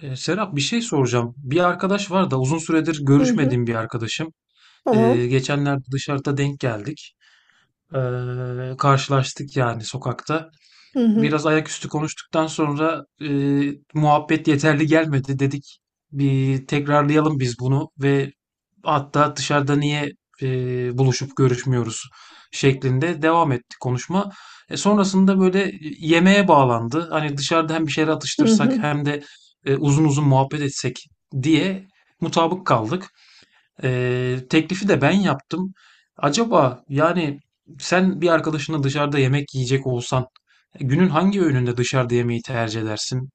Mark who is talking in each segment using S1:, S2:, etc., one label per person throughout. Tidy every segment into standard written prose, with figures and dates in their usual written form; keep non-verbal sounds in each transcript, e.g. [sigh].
S1: Serap, bir şey soracağım. Bir arkadaş var da uzun süredir
S2: Hı hı,
S1: görüşmediğim bir arkadaşım.
S2: tamam.
S1: Geçenlerde dışarıda denk geldik. Karşılaştık yani sokakta,
S2: Hı hı,
S1: biraz ayaküstü konuştuktan sonra muhabbet yeterli gelmedi dedik. Bir tekrarlayalım biz bunu ve hatta dışarıda niye e, buluşup görüşmüyoruz şeklinde devam etti konuşma. Sonrasında böyle yemeğe bağlandı. Hani dışarıda hem bir şeyler
S2: hı
S1: atıştırsak
S2: hı.
S1: hem de uzun uzun muhabbet etsek diye mutabık kaldık. Teklifi de ben yaptım. Acaba yani, sen bir arkadaşınla dışarıda yemek yiyecek olsan, günün hangi öğününde dışarıda yemeği tercih edersin?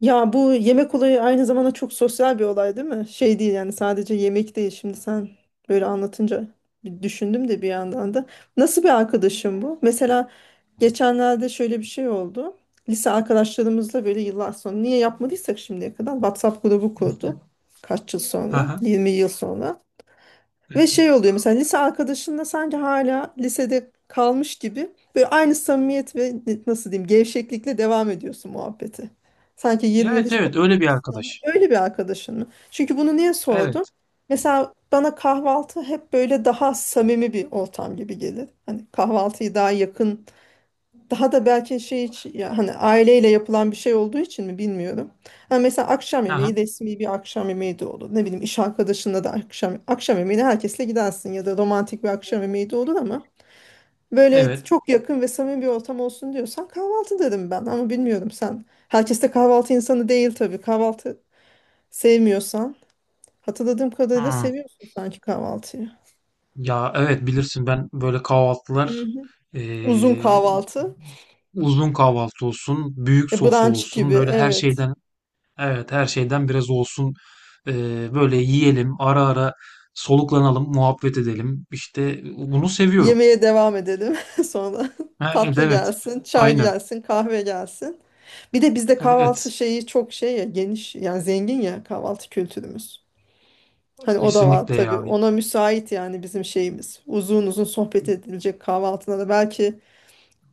S2: Ya bu yemek olayı aynı zamanda çok sosyal bir olay değil mi? Şey değil yani sadece yemek değil. Şimdi sen böyle anlatınca bir düşündüm de bir yandan da. Nasıl bir arkadaşım bu? Mesela geçenlerde şöyle bir şey oldu. Lise arkadaşlarımızla böyle yıllar sonra niye yapmadıysak şimdiye kadar WhatsApp grubu kurduk. Kaç yıl sonra?
S1: Aha.
S2: 20 yıl sonra. Ve şey oluyor mesela lise arkadaşınla sanki hala lisede kalmış gibi böyle aynı samimiyet ve nasıl diyeyim gevşeklikle devam ediyorsun muhabbete. Sanki 20 yıl
S1: Evet,
S2: hiç
S1: evet, öyle bir
S2: konuşmamışsın ama
S1: arkadaş.
S2: öyle bir arkadaşın mı? Çünkü bunu niye sordum?
S1: Evet.
S2: Mesela bana kahvaltı hep böyle daha samimi bir ortam gibi gelir. Hani kahvaltıyı daha yakın daha da belki şey için ya hani aileyle yapılan bir şey olduğu için mi bilmiyorum. Ha mesela akşam
S1: Aha.
S2: yemeği resmi bir akşam yemeği de olur. Ne bileyim iş arkadaşınla da akşam akşam yemeğine herkesle gidersin ya da romantik bir akşam yemeği de olur ama böyle
S1: Evet.
S2: çok yakın ve samimi bir ortam olsun diyorsan kahvaltı derim ben ama bilmiyorum sen. Herkes de kahvaltı insanı değil tabii. Kahvaltı sevmiyorsan hatırladığım kadarıyla
S1: Hmm.
S2: seviyorsun sanki kahvaltıyı.
S1: Ya evet, bilirsin ben böyle
S2: Hı
S1: kahvaltılar,
S2: hı. Uzun
S1: ee,
S2: kahvaltı.
S1: uzun kahvaltı olsun, büyük sofra
S2: Brunch gibi
S1: olsun, böyle her
S2: evet.
S1: şeyden, evet, her şeyden biraz olsun. Böyle yiyelim, ara ara soluklanalım, muhabbet edelim. İşte bunu seviyorum.
S2: Yemeğe devam edelim [laughs] sonra.
S1: Ha, evet,
S2: Tatlı
S1: evet.
S2: gelsin, çay
S1: Aynen.
S2: gelsin, kahve gelsin. Bir de bizde kahvaltı
S1: Evet,
S2: şeyi çok şey ya geniş yani zengin ya kahvaltı kültürümüz. Hani o da var
S1: kesinlikle
S2: tabii.
S1: ya.
S2: Ona müsait yani bizim şeyimiz. Uzun uzun sohbet edilecek kahvaltılara. Belki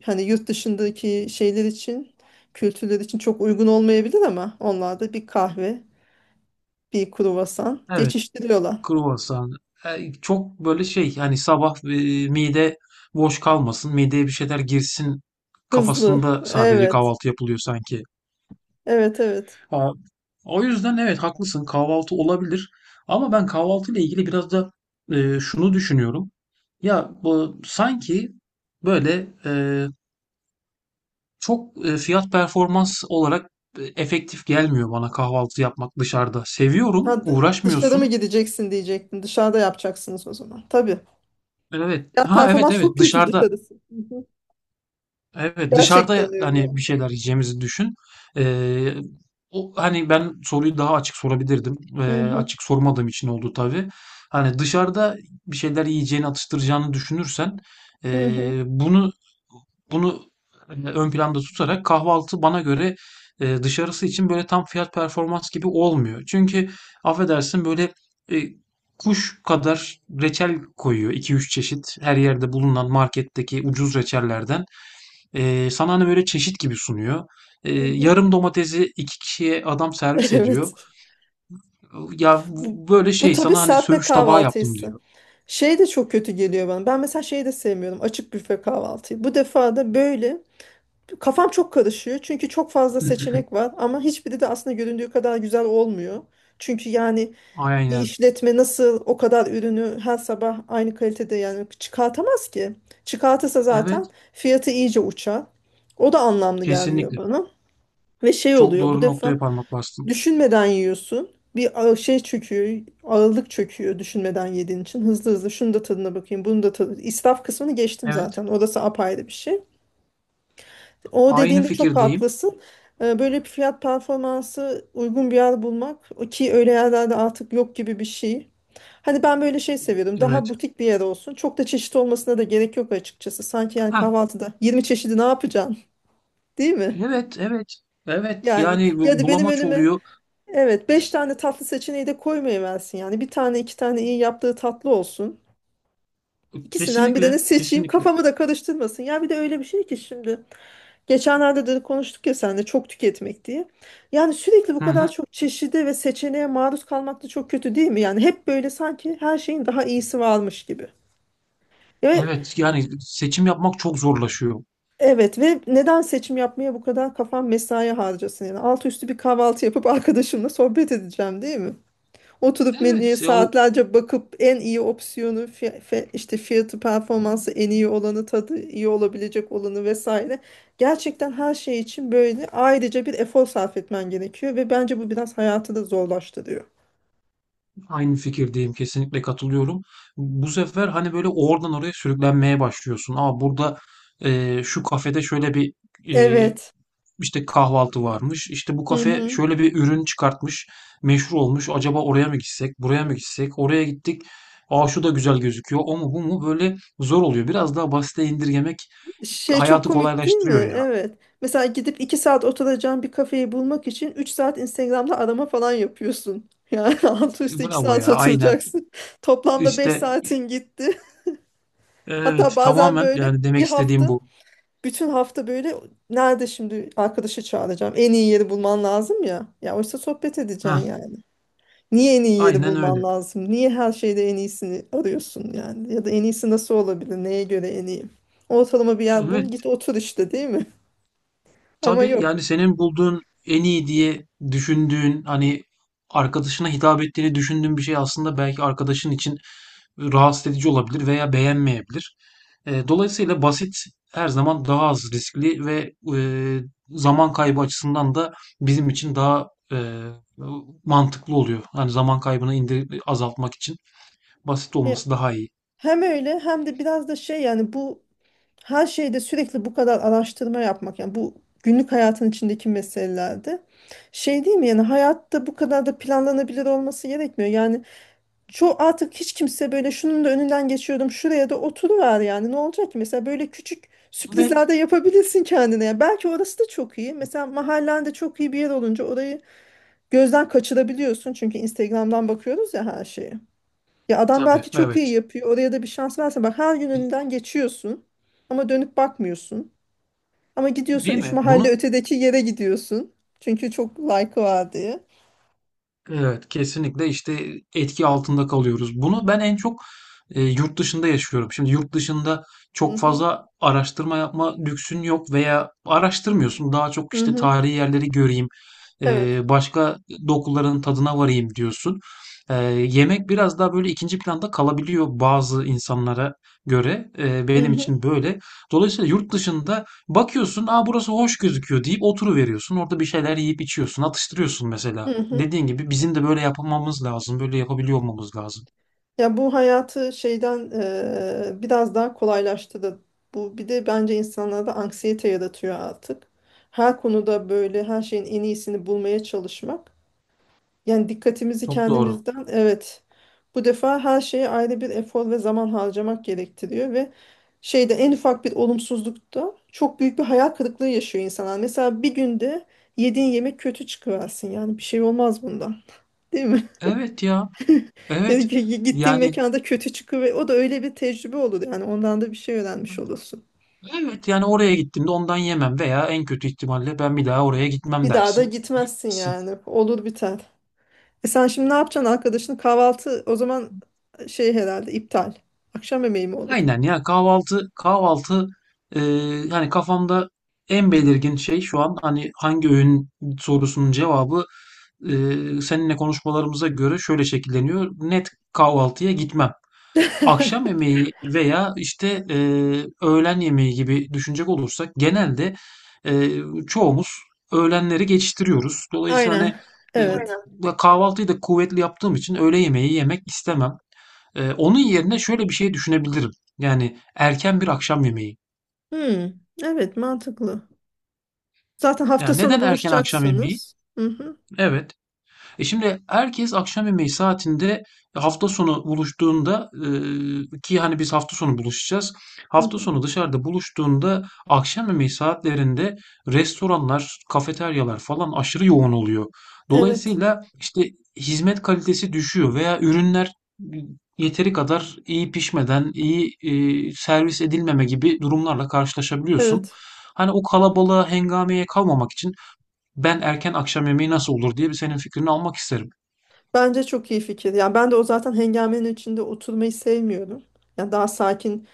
S2: hani yurt dışındaki şeyler için, kültürler için çok uygun olmayabilir ama onlar da bir kahve, bir kruvasan
S1: Evet,
S2: geçiştiriyorlar.
S1: kruvasan. Çok böyle şey, hani sabah mide boş kalmasın, mideye bir şeyler girsin,
S2: Hızlı.
S1: kafasında sadece
S2: Evet.
S1: kahvaltı yapılıyor sanki.
S2: Evet, evet.
S1: Ha, o yüzden evet haklısın, kahvaltı olabilir. Ama ben kahvaltı ile ilgili biraz da şunu düşünüyorum. Ya bu sanki böyle, çok, fiyat performans olarak efektif gelmiyor bana kahvaltı yapmak dışarıda.
S2: Ha,
S1: Seviyorum,
S2: dışarı mı
S1: uğraşmıyorsun.
S2: gideceksin diyecektim. Dışarıda yapacaksınız o zaman. Tabii.
S1: Evet.
S2: Ya
S1: Ha, evet,
S2: performans
S1: evet,
S2: çok kötü
S1: dışarıda.
S2: dışarısı. Hı hı.
S1: Evet, dışarıda
S2: Gerçekten öyle
S1: hani
S2: yani.
S1: bir şeyler yiyeceğimizi düşün. Ee, Hani ben soruyu daha açık sorabilirdim.
S2: Hı hı,
S1: Açık sormadığım için oldu tabii. Hani dışarıda bir şeyler yiyeceğini, atıştıracağını düşünürsen,
S2: hı hı,
S1: ee, bunu bunu hani ön planda tutarak, kahvaltı bana göre dışarısı için böyle tam fiyat performans gibi olmuyor. Çünkü affedersin böyle, e, kuş kadar reçel koyuyor, iki üç çeşit her yerde bulunan marketteki ucuz reçellerden. Sana hani böyle çeşit gibi sunuyor.
S2: hı hı.
S1: Yarım domatesi iki kişiye adam
S2: [laughs]
S1: servis ediyor.
S2: Evet.
S1: Ya,
S2: Bu,
S1: böyle
S2: bu
S1: şey
S2: tabii
S1: sana hani
S2: serpme
S1: söğüş tabağı yaptım
S2: kahvaltıysa.
S1: diyor.
S2: Şey de çok kötü geliyor bana. Ben mesela şeyi de sevmiyorum. Açık büfe kahvaltıyı. Bu defa da böyle kafam çok karışıyor. Çünkü çok fazla
S1: Hı hı.
S2: seçenek var ama hiçbiri de aslında göründüğü kadar güzel olmuyor. Çünkü yani bir
S1: Aynen.
S2: işletme nasıl o kadar ürünü her sabah aynı kalitede yani çıkartamaz ki. Çıkartırsa
S1: Evet,
S2: zaten fiyatı iyice uçar. O da anlamlı gelmiyor
S1: kesinlikle.
S2: bana. Ve şey
S1: Çok
S2: oluyor bu
S1: doğru noktaya
S2: defa
S1: parmak bastın.
S2: düşünmeden yiyorsun. Şey çöküyor, ağırlık çöküyor düşünmeden yediğin için. Hızlı hızlı şunu da tadına bakayım, bunu da tadına. İsraf kısmını geçtim
S1: Evet,
S2: zaten. Orası apayrı bir şey. O
S1: aynı
S2: dediğinde çok
S1: fikirdeyim.
S2: haklısın. Böyle bir fiyat performansı uygun bir yer bulmak ki öyle yerlerde artık yok gibi bir şey. Hani ben böyle şey seviyorum. Daha
S1: Evet.
S2: butik bir yer olsun. Çok da çeşit olmasına da gerek yok açıkçası. Sanki yani
S1: Ha,
S2: kahvaltıda 20 çeşidi ne yapacaksın? [laughs] Değil mi?
S1: evet, evet. Evet,
S2: Yani
S1: yani
S2: ya da benim
S1: bulamaç
S2: önüme
S1: oluyor.
S2: evet 5 tane tatlı seçeneği de koymayıversin yani. Bir tane iki tane iyi yaptığı tatlı olsun. İkisinden
S1: Kesinlikle,
S2: birini seçeyim
S1: kesinlikle.
S2: kafamı da karıştırmasın. Ya bir de öyle bir şey ki şimdi. Geçenlerde de konuştuk ya sen de çok tüketmek diye. Yani sürekli bu
S1: Hı
S2: kadar
S1: hı.
S2: çok çeşide ve seçeneğe maruz kalmak da çok kötü değil mi? Yani hep böyle sanki her şeyin daha iyisi varmış gibi. Ve
S1: Evet, yani seçim yapmak çok zorlaşıyor.
S2: evet ve neden seçim yapmaya bu kadar kafam mesai harcasın yani alt üstü bir kahvaltı yapıp [laughs] arkadaşımla sohbet edeceğim değil mi? Oturup menüye
S1: Evet,
S2: saatlerce bakıp en iyi opsiyonu işte fiyatı performansı en iyi olanı tadı iyi olabilecek olanı vesaire. Gerçekten her şey için böyle ayrıca bir efor sarf etmen gerekiyor ve bence bu biraz hayatı da zorlaştırıyor.
S1: aynı fikirdeyim. Kesinlikle katılıyorum. Bu sefer hani böyle oradan oraya sürüklenmeye başlıyorsun. Aa, burada şu kafede şöyle bir, eee,
S2: Evet.
S1: işte kahvaltı varmış. İşte bu
S2: Hı
S1: kafe
S2: hı.
S1: şöyle bir ürün çıkartmış. Meşhur olmuş. Acaba oraya mı gitsek? Buraya mı gitsek? Oraya gittik. Aa, şu da güzel gözüküyor. O mu bu mu? Böyle zor oluyor. Biraz daha basite indirgemek
S2: Şey çok
S1: hayatı
S2: komik değil mi?
S1: kolaylaştırıyor ya.
S2: Evet. Mesela gidip iki saat oturacağın bir kafeyi bulmak için üç saat Instagram'da arama falan yapıyorsun. Yani [laughs] altı üstü iki
S1: Bravo
S2: saat
S1: ya. Aynen.
S2: oturacaksın. [laughs] Toplamda beş
S1: İşte
S2: saatin gitti. Hatta
S1: evet,
S2: bazen
S1: tamamen
S2: böyle
S1: yani demek
S2: bir
S1: istediğim
S2: hafta,
S1: bu.
S2: bütün hafta böyle nerede şimdi arkadaşı çağıracağım. En iyi yeri bulman lazım ya. Ya oysa sohbet
S1: Heh,
S2: edeceksin yani. Niye en iyi yeri
S1: aynen
S2: bulman
S1: öyle.
S2: lazım? Niye her şeyde en iyisini arıyorsun yani? Ya da en iyisi nasıl olabilir? Neye göre en iyi? Ortalama bir yer
S1: Evet.
S2: bul, git otur işte değil mi? [laughs] Ama
S1: Tabii
S2: yok.
S1: yani, senin bulduğun en iyi diye düşündüğün, hani arkadaşına hitap ettiğini düşündüğün bir şey aslında belki arkadaşın için rahatsız edici olabilir veya beğenmeyebilir. Dolayısıyla basit her zaman daha az riskli ve zaman kaybı açısından da bizim için daha mantıklı oluyor. Hani zaman kaybını azaltmak için basit
S2: Ya,
S1: olması daha iyi.
S2: hem öyle hem de biraz da şey yani bu her şeyde sürekli bu kadar araştırma yapmak yani bu günlük hayatın içindeki meselelerde şey değil mi yani hayatta bu kadar da planlanabilir olması gerekmiyor. Yani çoğu artık hiç kimse böyle şunun da önünden geçiyordum şuraya da oturuver yani ne olacak ki mesela böyle küçük
S1: Evet.
S2: sürprizler de yapabilirsin kendine. Yani belki orası da çok iyi. Mesela mahallende çok iyi bir yer olunca orayı gözden kaçırabiliyorsun çünkü Instagram'dan bakıyoruz ya her şeye. Ya adam
S1: Tabii,
S2: belki çok iyi
S1: evet.
S2: yapıyor. Oraya da bir şans verse bak her gün önünden geçiyorsun ama dönüp bakmıyorsun. Ama gidiyorsun
S1: Değil
S2: üç
S1: mi?
S2: mahalle ötedeki yere gidiyorsun. Çünkü çok like'ı var diye.
S1: Evet, kesinlikle işte, etki altında kalıyoruz. Bunu ben en çok yurt dışında yaşıyorum. Şimdi yurt dışında
S2: Hı
S1: çok
S2: hı.
S1: fazla araştırma yapma lüksün yok veya araştırmıyorsun. Daha çok
S2: Hı
S1: işte
S2: hı.
S1: tarihi yerleri göreyim,
S2: Evet.
S1: başka dokuların tadına varayım diyorsun. Yemek biraz daha böyle ikinci planda kalabiliyor bazı insanlara göre.
S2: Hı
S1: Benim
S2: hı.
S1: için böyle. Dolayısıyla yurt dışında bakıyorsun, aa burası hoş gözüküyor deyip oturuveriyorsun. Orada bir şeyler yiyip içiyorsun, atıştırıyorsun
S2: Hı
S1: mesela.
S2: hı.
S1: Dediğin gibi bizim de böyle yapmamız lazım, böyle yapabiliyor olmamız lazım.
S2: Ya bu hayatı şeyden biraz daha kolaylaştırdı. Bu bir de bence insanlarda anksiyete yaratıyor artık. Her konuda böyle her şeyin en iyisini bulmaya çalışmak. Yani dikkatimizi
S1: Çok doğru.
S2: kendimizden evet bu defa her şeye ayrı bir efor ve zaman harcamak gerektiriyor ve şeyde en ufak bir olumsuzlukta çok büyük bir hayal kırıklığı yaşıyor insanlar. Mesela bir günde yediğin yemek kötü çıkıversin yani bir şey olmaz bundan değil mi? [laughs]
S1: Evet ya,
S2: Yani
S1: evet.
S2: gittiğin
S1: Yani
S2: mekanda kötü çıkı ve o da öyle bir tecrübe olur yani ondan da bir şey öğrenmiş olursun.
S1: evet yani, oraya gittiğimde ondan yemem veya en kötü ihtimalle ben bir daha oraya gitmem
S2: Bir daha da
S1: dersin.
S2: gitmezsin
S1: Gitmezsin.
S2: yani olur biter. E sen şimdi ne yapacaksın arkadaşın kahvaltı o zaman şey herhalde iptal. Akşam yemeği mi olur?
S1: Aynen ya, kahvaltı, kahvaltı e, hani kafamda en belirgin şey şu an, hani hangi öğün sorusunun cevabı, e, seninle konuşmalarımıza göre şöyle şekilleniyor. Net kahvaltıya gitmem. Akşam
S2: [laughs]
S1: yemeği veya işte öğlen yemeği gibi düşünecek olursak, genelde e, çoğumuz öğlenleri geçiştiriyoruz. Dolayısıyla
S2: Aynen.
S1: hani,
S2: Evet.
S1: aynen, kahvaltıyı da kuvvetli yaptığım için öğle yemeği yemek istemem. Onun yerine şöyle bir şey düşünebilirim. Yani erken bir akşam yemeği.
S2: Hmm, evet mantıklı. Zaten hafta
S1: Yani
S2: sonu
S1: neden erken akşam yemeği?
S2: buluşacaksınız. Hı hı,
S1: Evet, şimdi herkes akşam yemeği saatinde hafta sonu buluştuğunda, ki hani biz hafta sonu buluşacağız.
S2: hı
S1: Hafta
S2: hı.
S1: sonu dışarıda buluştuğunda akşam yemeği saatlerinde restoranlar, kafeteryalar falan aşırı yoğun oluyor.
S2: Evet.
S1: Dolayısıyla işte hizmet kalitesi düşüyor veya ürünler yeteri kadar iyi pişmeden, iyi servis edilmeme gibi durumlarla karşılaşabiliyorsun.
S2: Evet.
S1: Hani o kalabalığa, hengameye kalmamak için, ben erken akşam yemeği nasıl olur diye bir senin fikrini almak isterim.
S2: Bence çok iyi fikir. Yani ben de o zaten hengamenin içinde oturmayı sevmiyorum. Yani daha sakin.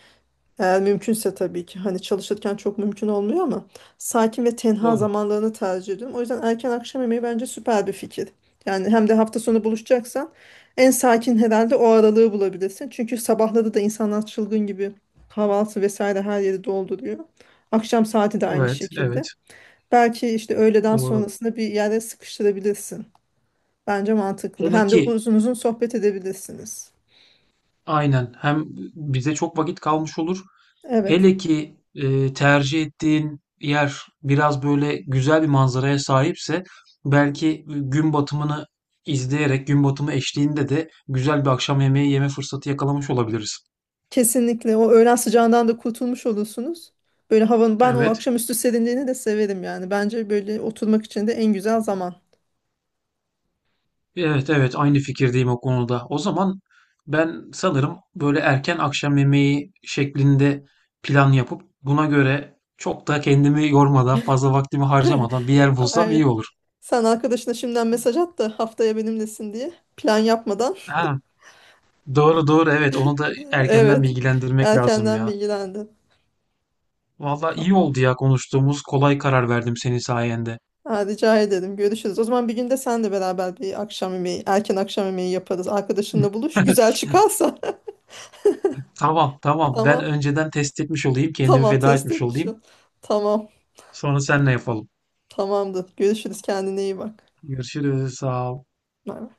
S2: Eğer mümkünse tabii ki hani çalışırken çok mümkün olmuyor ama sakin ve tenha
S1: Doğru.
S2: zamanlarını tercih ediyorum. O yüzden erken akşam yemeği bence süper bir fikir. Yani hem de hafta sonu buluşacaksan en sakin herhalde o aralığı bulabilirsin. Çünkü sabahları da insanlar çılgın gibi kahvaltı vesaire her yeri dolduruyor. Akşam saati de aynı
S1: Evet, evet,
S2: şekilde. Belki işte öğleden
S1: doğru.
S2: sonrasında bir yere sıkıştırabilirsin. Bence mantıklı.
S1: Hele
S2: Hem de
S1: ki
S2: uzun uzun sohbet edebilirsiniz.
S1: aynen, hem bize çok vakit kalmış olur.
S2: Evet.
S1: Hele ki tercih ettiğin yer biraz böyle güzel bir manzaraya sahipse, belki gün batımını izleyerek, gün batımı eşliğinde de güzel bir akşam yemeği yeme fırsatı yakalamış olabiliriz.
S2: Kesinlikle o öğlen sıcağından da kurtulmuş olursunuz. Böyle havanın ben o
S1: Evet.
S2: akşamüstü serinliğini de severim yani. Bence böyle oturmak için de en güzel zaman.
S1: Evet, evet, aynı fikirdeyim o konuda. O zaman ben sanırım böyle erken akşam yemeği şeklinde plan yapıp, buna göre çok da kendimi yormadan, fazla vaktimi
S2: [laughs]
S1: harcamadan bir yer bulsam iyi
S2: Aynen.
S1: olur.
S2: Sen arkadaşına şimdiden mesaj at da haftaya benimlesin diye. Plan yapmadan. [laughs]
S1: Ha, doğru doğru, evet, onu da erkenden
S2: Evet.
S1: bilgilendirmek lazım
S2: Erkenden
S1: ya.
S2: bilgilendi.
S1: Vallahi
S2: Tamam.
S1: iyi oldu ya, konuştuğumuz, kolay karar verdim senin sayende.
S2: Ha, rica ederim. Görüşürüz. O zaman bir günde sen de beraber bir akşam yemeği, erken akşam yemeği yaparız. Arkadaşınla buluş.
S1: [laughs]
S2: Güzel çıkarsa. [laughs]
S1: Tamam, tamam, ben
S2: Tamam.
S1: önceden test etmiş olayım, kendimi
S2: Tamam.
S1: feda
S2: Test
S1: etmiş
S2: etmiş
S1: olayım.
S2: ol. Tamam.
S1: Sonra seninle yapalım.
S2: Tamamdır. Görüşürüz. Kendine iyi bak.
S1: Görüşürüz, sağ ol.
S2: Bay bay.